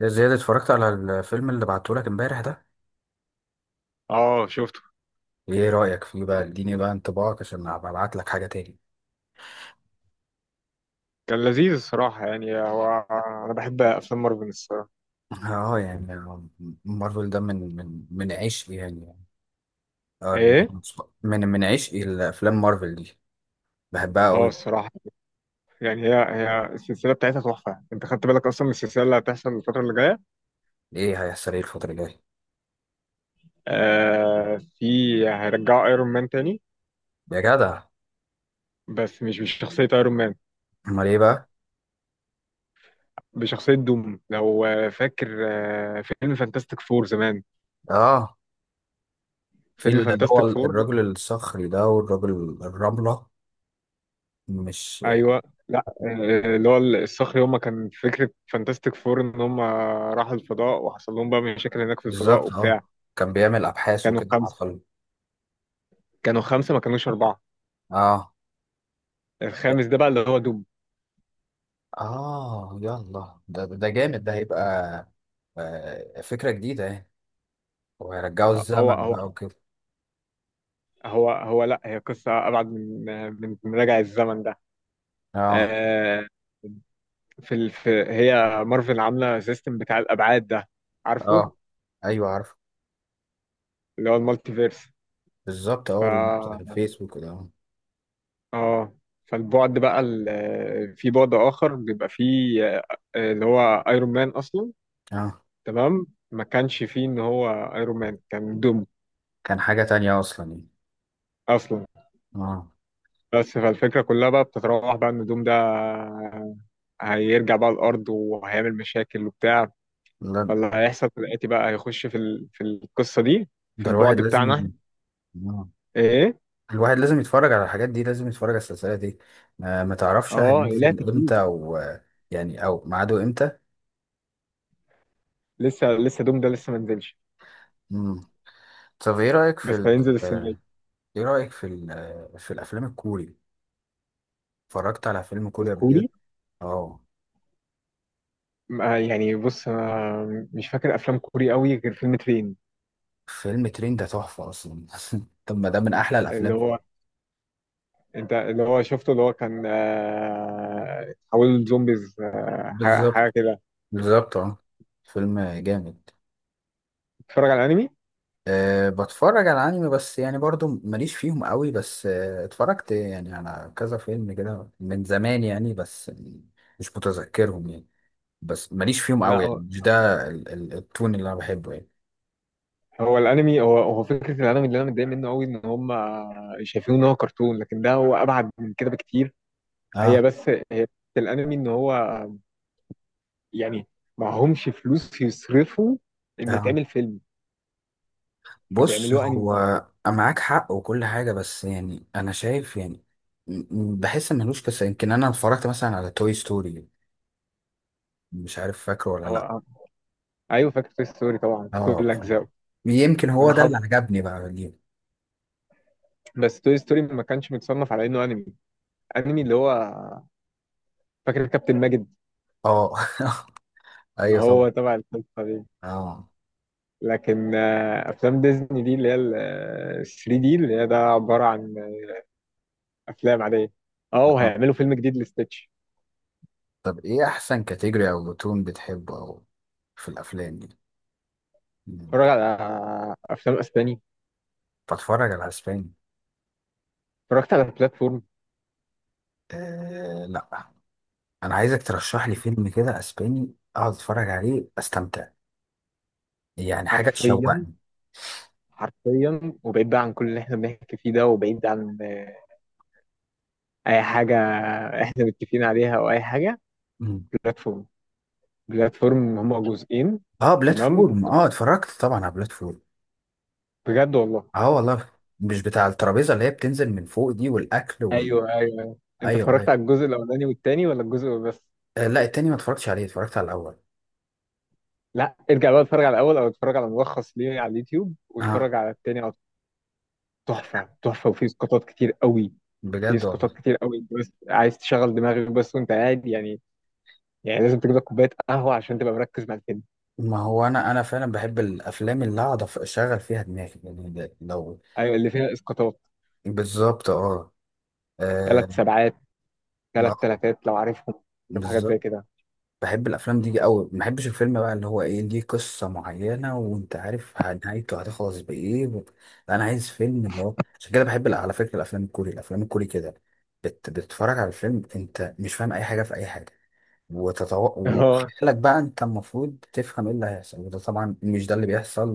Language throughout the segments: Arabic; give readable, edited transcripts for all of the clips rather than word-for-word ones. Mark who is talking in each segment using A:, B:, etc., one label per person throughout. A: يا زياد، اتفرجت على الفيلم اللي بعتهولك امبارح ده؟
B: اه، شفته.
A: ايه رأيك فيه بقى؟ اديني بقى انطباعك عشان ابقى ابعت لك حاجة تاني.
B: كان لذيذ الصراحة، يعني أنا بحب أفلام مارفل الصراحة.
A: اه، يعني مارفل ده من عشقي يعني. اه.
B: إيه؟
A: من عشقي الافلام مارفل دي، بحبها
B: اه
A: قوي.
B: الصراحة. يعني هي السلسلة بتاعتها تحفة. أنت خدت بالك أصلا من السلسلة اللي هتحصل الفترة اللي جاية؟
A: ايه هيحصل ايه الفترة الجاية؟
B: في، هيرجعوا أيرون مان تاني.
A: يا جدع!
B: بس مش بشخصية أيرون مان،
A: امال ايه بقى؟
B: بشخصية دوم. لو فاكر فيلم فانتاستيك فور زمان.
A: اه، في
B: فيلم
A: اللي هو
B: فانتاستيك فور.
A: الراجل الصخري ده والراجل الرملة، مش...
B: أيوه. لا اللي هو الصخر. يوم ما كان فكرة فانتاستيك فور إن هم راحوا الفضاء وحصل لهم بقى مشاكل هناك في الفضاء
A: بالظبط.
B: وبتاع.
A: اه، كان بيعمل ابحاث
B: كانوا
A: وكده مع
B: خمسة
A: الخلق.
B: كانوا خمسة، ما كانوش أربعة.
A: اه.
B: الخامس ده بقى اللي هو دوب.
A: آه، يلا ده جامد، ده هيبقى آه، فكرة جديدة يعني. وهيرجعوا
B: هو
A: الزمن
B: هو
A: بقى وكده.
B: هو لا، هي قصة أبعد من من راجع الزمن ده.
A: اه.
B: آه، في، هي مارفل عاملة سيستم بتاع الأبعاد ده، عارفه.
A: اه، ايوه عارف.
B: اللي هو المالتي فيرس.
A: بالظبط، اه، بتاع
B: ف
A: الفيسبوك ده. اه.
B: اه فالبعد بقى، في بعد آخر بيبقى فيه اللي هو ايرون مان أصلا.
A: آه.
B: تمام، ما كانش فيه إن هو ايرون مان كان دوم
A: كان حاجة تانية اصلا يعني.
B: أصلا.
A: اه.
B: بس فالفكرة كلها بقى بتتراوح بقى إن دوم ده هيرجع بقى الارض وهيعمل مشاكل وبتاع.
A: لا،
B: فاللي هيحصل دلوقتي بقى هيخش في القصه دي، في
A: ده
B: البعد
A: الواحد لازم
B: بتاعنا.
A: آه.
B: ايه.
A: الواحد لازم يتفرج على الحاجات دي، لازم يتفرج على السلسلة دي. ما تعرفش
B: اه، لا
A: هينزل
B: ترتيب.
A: امتى، او يعني او ميعاده امتى؟
B: لسه دوم ده لسه ما نزلش.
A: مم. طب
B: بس هينزل السنه دي.
A: ايه رأيك في ال... آه، في الافلام الكوري. اتفرجت على فيلم كوري قبل كده؟
B: الكوري.
A: اه.
B: يعني بص، انا مش فاكر افلام كوري قوي غير فيلم ترين.
A: فيلم ترين ده تحفة أصلا. طب ما ده من أحلى
B: اللي
A: الأفلام.
B: هو انت اللي هو شفته، اللي هو كان حول زومبيز حاجه
A: بالظبط.
B: كده.
A: بالظبط، اه، فيلم جامد.
B: بتتفرج على انمي؟
A: أه، بتفرج على أنمي بس يعني برضو ماليش فيهم قوي. بس أه، اتفرجت يعني على كذا فيلم كده من زمان يعني، بس مش متذكرهم يعني. بس ماليش فيهم قوي يعني،
B: لا،
A: مش ده التون اللي أنا بحبه يعني.
B: هو الانمي هو فكره الانمي اللي انا متضايق منه قوي ان هم شايفينه ان هو كرتون، لكن ده هو ابعد من كده بكتير.
A: اه.
B: هي بس هي فكرة الانمي، ان هو، يعني، معهمش فلوس يصرفوا ان
A: اه،
B: يتعمل فيلم،
A: بص
B: فبيعملوه انمي.
A: هو معاك حق وكل حاجة، بس يعني أنا شايف يعني. م- بحس إن ملوش قصة. يمكن أنا اتفرجت مثلا على توي ستوري، مش عارف فاكره ولا لأ.
B: هو ايوه، فاكر توي ستوري طبعا،
A: اه،
B: كل اجزائه.
A: يمكن هو
B: انا
A: ده
B: حافظ.
A: اللي عجبني بقى ليه.
B: بس توي ستوري ما كانش متصنف على انه انمي. انمي اللي هو فاكر كابتن ماجد،
A: اه. أيوه
B: هو
A: طبعا.
B: تبع القصه دي.
A: اه.
B: لكن افلام ديزني دي اللي هي ال 3 دي، اللي هي ده عباره عن افلام عاديه. اه،
A: آه.
B: وهيعملوا فيلم جديد لستitch.
A: طب إيه أحسن كاتيجوري أو تون بتحبه أو في الأفلام دي؟
B: اتفرج على افلام اسباني.
A: بتفرج على أسباني؟
B: اتفرجت على البلاتفورم.
A: آه لأ. أنا عايزك ترشح لي فيلم كده أسباني أقعد أتفرج عليه أستمتع، يعني حاجة
B: حرفيا،
A: تشوقني.
B: حرفيا، وبعيد بقى عن كل اللي احنا بنحكي فيه ده، وبعيد عن اي حاجه احنا متفقين عليها او اي حاجه. بلاتفورم. بلاتفورم هما جزئين.
A: اه،
B: تمام.
A: بلاتفورم. اه، اتفرجت طبعا على بلاتفورم.
B: بجد والله.
A: اه والله. مش بتاع الترابيزه اللي هي بتنزل من فوق دي والاكل وال...؟
B: ايوه، ايوه، أيوة. انت
A: ايوه،
B: اتفرجت
A: ايوه.
B: على الجزء الاولاني والتاني، ولا الجزء بس؟
A: آه لا، التاني ما اتفرجتش عليه، اتفرجت على الاول.
B: لا، ارجع بقى اتفرج على الاول، او اتفرج على ملخص ليه على اليوتيوب، واتفرج
A: اه،
B: على التاني، او تحفه تحفه، وفيه اسقاطات كتير قوي. في
A: بجد والله.
B: اسقاطات كتير قوي، بس عايز تشغل دماغك بس وانت قاعد، يعني. يعني لازم تجيب لك كوبايه قهوه عشان تبقى مركز مع الفيلم.
A: ما هو انا فعلا بحب الافلام اللي اقعد اشغل فيها دماغي يعني، ده- لو...
B: ايوه، اللي فيها اسقاطات.
A: بالظبط، اه،
B: ثلاث
A: آه،
B: سبعات، ثلاث
A: ما-
B: ثلاثات، لو عارفهم. عارف حاجات زي
A: بالظبط.
B: كده.
A: بحب الافلام دي قوي، ما بحبش الفيلم بقى اللي هو ايه ليه قصه معينه وانت عارف نهايته هتخلص بايه و... لا، انا عايز فيلم اللي هو عشان كده بحب على فكره الافلام الكوري، الافلام الكوري كده. بتتفرج على الفيلم انت مش فاهم اي حاجه في اي حاجه،
B: اه.
A: وخيالك بقى انت المفروض تفهم ايه اللي هيحصل، وده طبعا مش ده اللي بيحصل.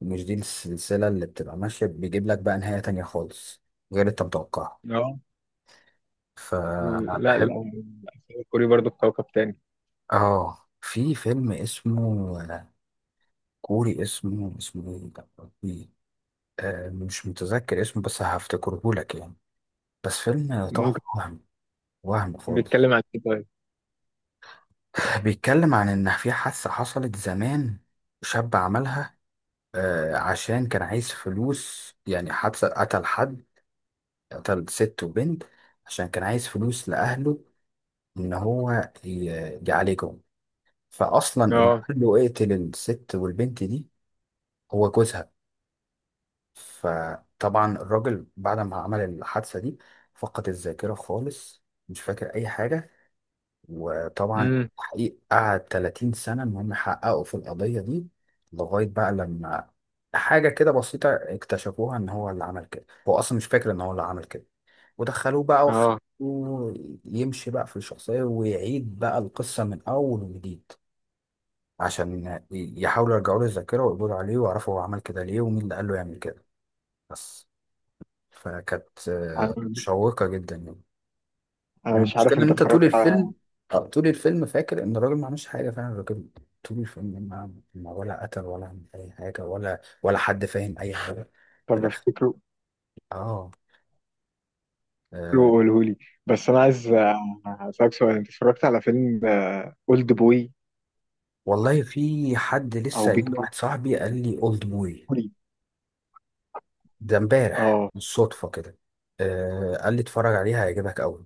A: ومش دي السلسله اللي بتبقى ماشيه، بيجيب لك بقى نهايه تانية خالص غير اللي انت متوقعها.
B: اه. لا، لا،
A: فبحب.
B: الأفلام الكوري برضه في كوكب تاني.
A: اه، في فيلم اسمه كوري، اسمه ايه ده يا ربي؟ آه، مش متذكر اسمه بس هفتكره لك يعني. بس فيلم تحفة،
B: ممكن.
A: وهم، وهم خالص.
B: بيتكلم عن ايه طيب؟
A: بيتكلم عن ان في حادثة حصلت زمان، شاب عملها عشان كان عايز فلوس، يعني حادثة قتل حد، قتل ست وبنت عشان كان عايز فلوس لأهله، ان هو ي- يعالجهم. فاصلا اللي
B: اه.
A: قال له اقتل الست والبنت دي، هو جوزها. فطبعا الراجل بعد ما عمل الحادثة دي فقد الذاكرة خالص، مش فاكر أي حاجة. وطبعا
B: امم.
A: حقيقة قعد 30 سنة إن هم يحققوا في القضية دي، لغاية بقى لما حاجة كده بسيطة اكتشفوها، إن هو اللي عمل كده هو أصلا مش فاكر إن هو اللي عمل كده. ودخلوه بقى وخلوه
B: اه.
A: يمشي بقى في الشخصية، ويعيد بقى القصة من أول وجديد، عشان يحاولوا يرجعوا له الذاكرة ويقبضوا عليه ويعرفوا هو عمل كده ليه ومين اللي قال له يعمل كده بس. فكانت
B: انا
A: مشوقة جدا يعني.
B: أنا مش
A: المشكلة
B: عارف،
A: إن
B: انت
A: أنت
B: اتفرجت على...
A: طول الفيلم فاكر إن الراجل ما عملش حاجة، فعلا الراجل طول الفيلم ما ولا قتل ولا عمل أي حاجة، ولا حد فاهم أي حاجة. في
B: طب
A: الآخر.
B: افتكره،
A: آه. آه.
B: قوله لي. بس انا عايز اسالك سؤال: انت اتفرجت على فيلم اولد بوي
A: والله في حد
B: او
A: لسه
B: بيج
A: قايل لواحد، صاحبي قال لي أولد بوي
B: بوي؟
A: ده إمبارح
B: اه.
A: بالصدفة كده. آه، قال لي اتفرج عليها هيعجبك أوي.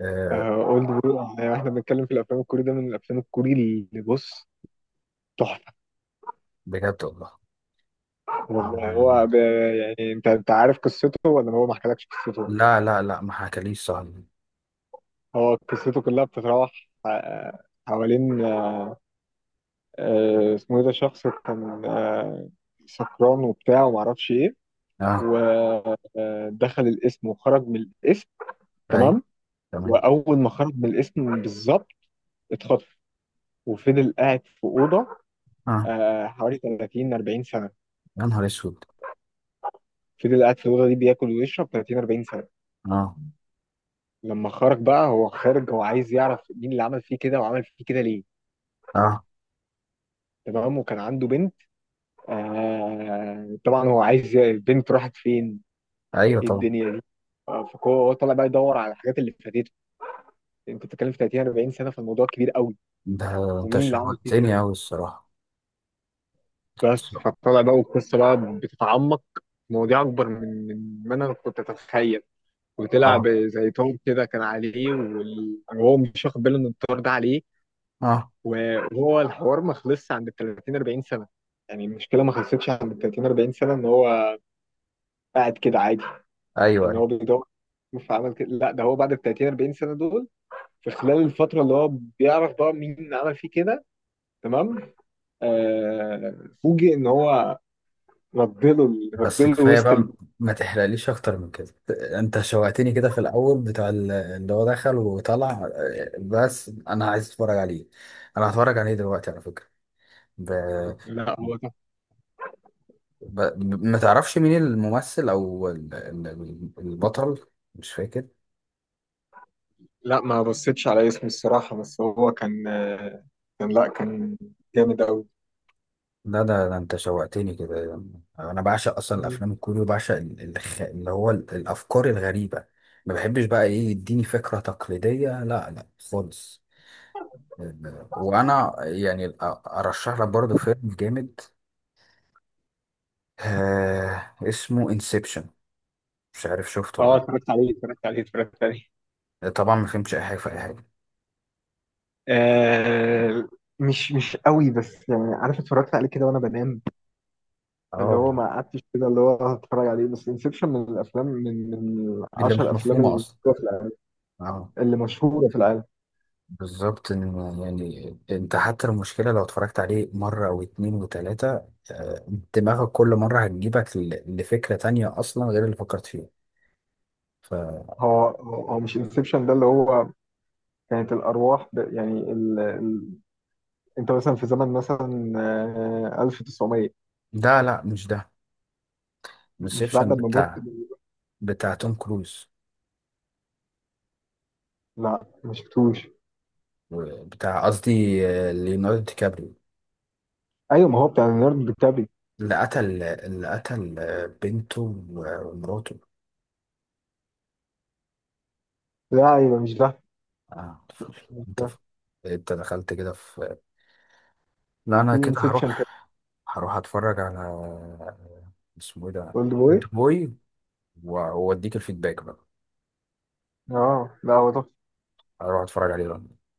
A: آه.
B: اولد بوي، يعني احنا بنتكلم في الافلام الكوري، ده من الافلام الكوري، اللي، بص، تحفه.
A: بجد والله.
B: والله
A: آه.
B: هو يعني انت عارف قصته ولا هو ما حكالكش قصته؟
A: لا لا لا، ما حكاليش صاحبي.
B: هو قصته كلها بتتراوح آه، حوالين اسمه ايه ده، شخص كان سكران وبتاع وما اعرفش ايه.
A: آه.
B: ودخل الاسم وخرج من الاسم.
A: أيوه،
B: تمام.
A: تمام.
B: واول ما خرج من الاسم بالظبط اتخطف، وفضل قاعد في اوضه
A: آه.
B: حوالي 30 40 سنه.
A: يا نهار اسود!
B: فضل قاعد في الأوضة دي بياكل ويشرب 30 40 سنة.
A: اه.
B: لما خرج بقى هو خارج هو عايز يعرف مين اللي عمل فيه كده وعمل فيه كده ليه.
A: اه.
B: تمام، وكان عنده بنت. آه، طبعا هو عايز البنت راحت فين؟
A: ايوه
B: ايه
A: طبعا.
B: الدنيا دي؟ فهو طالع بقى يدور على الحاجات اللي فاتته. انت بتتكلم في 30 40 سنة، فالموضوع كبير قوي.
A: ده انت
B: ومين اللي عمل فيه كده.
A: شوقتني اوي الصراحه.
B: بس فطلع بقى، والقصة بقى بتتعمق في مواضيع أكبر من ما أنا كنت أتخيل. وطلع
A: اه.
B: زي طار كده كان عليه، وهو مش واخد باله إن الطار ده عليه.
A: اه.
B: وهو الحوار ما خلصش عند ال 30 40 سنه. يعني المشكله ما خلصتش عند ال 30 40 سنه، ان هو قاعد كده عادي،
A: ايوه،
B: ان
A: ايوه.
B: هو بيدور فعمل كده. لا، ده هو بعد ال 30 40 سنه دول، في خلال الفتره اللي هو بيعرف بقى مين عمل فيه كده. تمام. آه، فوجئ ان هو ردله
A: بس
B: ردله
A: كفايه
B: وسط
A: بقى،
B: ال...
A: ما تحرقليش اكتر من كده. انت شوقتني كده في الاول بتاع اللي هو دخل وطلع. آه، بس انا عايز اتفرج عليه. انا هتفرج عليه دلوقتي على فكره. ب...
B: لا هو ده.
A: ب... ما تعرفش مين الممثل او البطل؟ مش فاكر.
B: لا، ما بصيتش على اسمه الصراحه، بس هو كان كان، لا كان جامد قوي.
A: ده انت شوقتني كده. انا بعشق اصلا الافلام الكوري، وبعشق اللي هو الافكار الغريبه. ما بحبش بقى ايه يديني فكره تقليديه، لا لا خالص. وانا يعني ارشح لك برضه فيلم جامد. آه، اسمه انسبشن، مش عارف شفته
B: اه،
A: ولا...
B: اتفرجت عليه.
A: لأ. طبعا ما فهمتش اي حاجه في اي حاجه.
B: آه، مش قوي، بس يعني عارف، اتفرجت عليه كده وانا بنام. اللي
A: اه.
B: هو ما قعدتش كده اللي هو هتفرج عليه، بس انسبشن من الافلام، من
A: اللي
B: 10
A: مش
B: افلام
A: مفهومه
B: اللي
A: اصلا.
B: مشهورة في العالم.
A: اه.
B: اللي مشهوره في العالم.
A: بالظبط. إن يعني انت حتى المشكلة لو اتفرجت عليه مرة او اتنين وتلاتة، آه، دماغك كل مرة هتجيبك لفكرة تانية اصلا غير اللي فكرت فيها. ف...
B: هو مش انسبشن ده اللي هو كانت الارواح، يعني انت مثلا في زمن مثلا 1900،
A: ده لا، مش ده.
B: مش
A: انسبشن
B: بعد ما مت.
A: بتاع توم كروز،
B: لا، ما شفتوش.
A: بتاع قصدي آه، ليوناردو دي كابريو.
B: ايوه، ما هو بتاع ليوناردو دي كابري.
A: اللي قتل بنته ومراته.
B: لا، ايوه، مش ده.
A: آه.
B: مش
A: انت
B: ده.
A: انت دخلت كده. لا انا
B: في
A: كده
B: انسبشن
A: هروح.
B: تاني.
A: هروح اتفرج على اسمه ايه ده؟
B: اولد بوي.
A: بوي. واوديك الفيدباك بقى.
B: اه، لا هو ده.
A: هروح اتفرج عليه دلوقتي.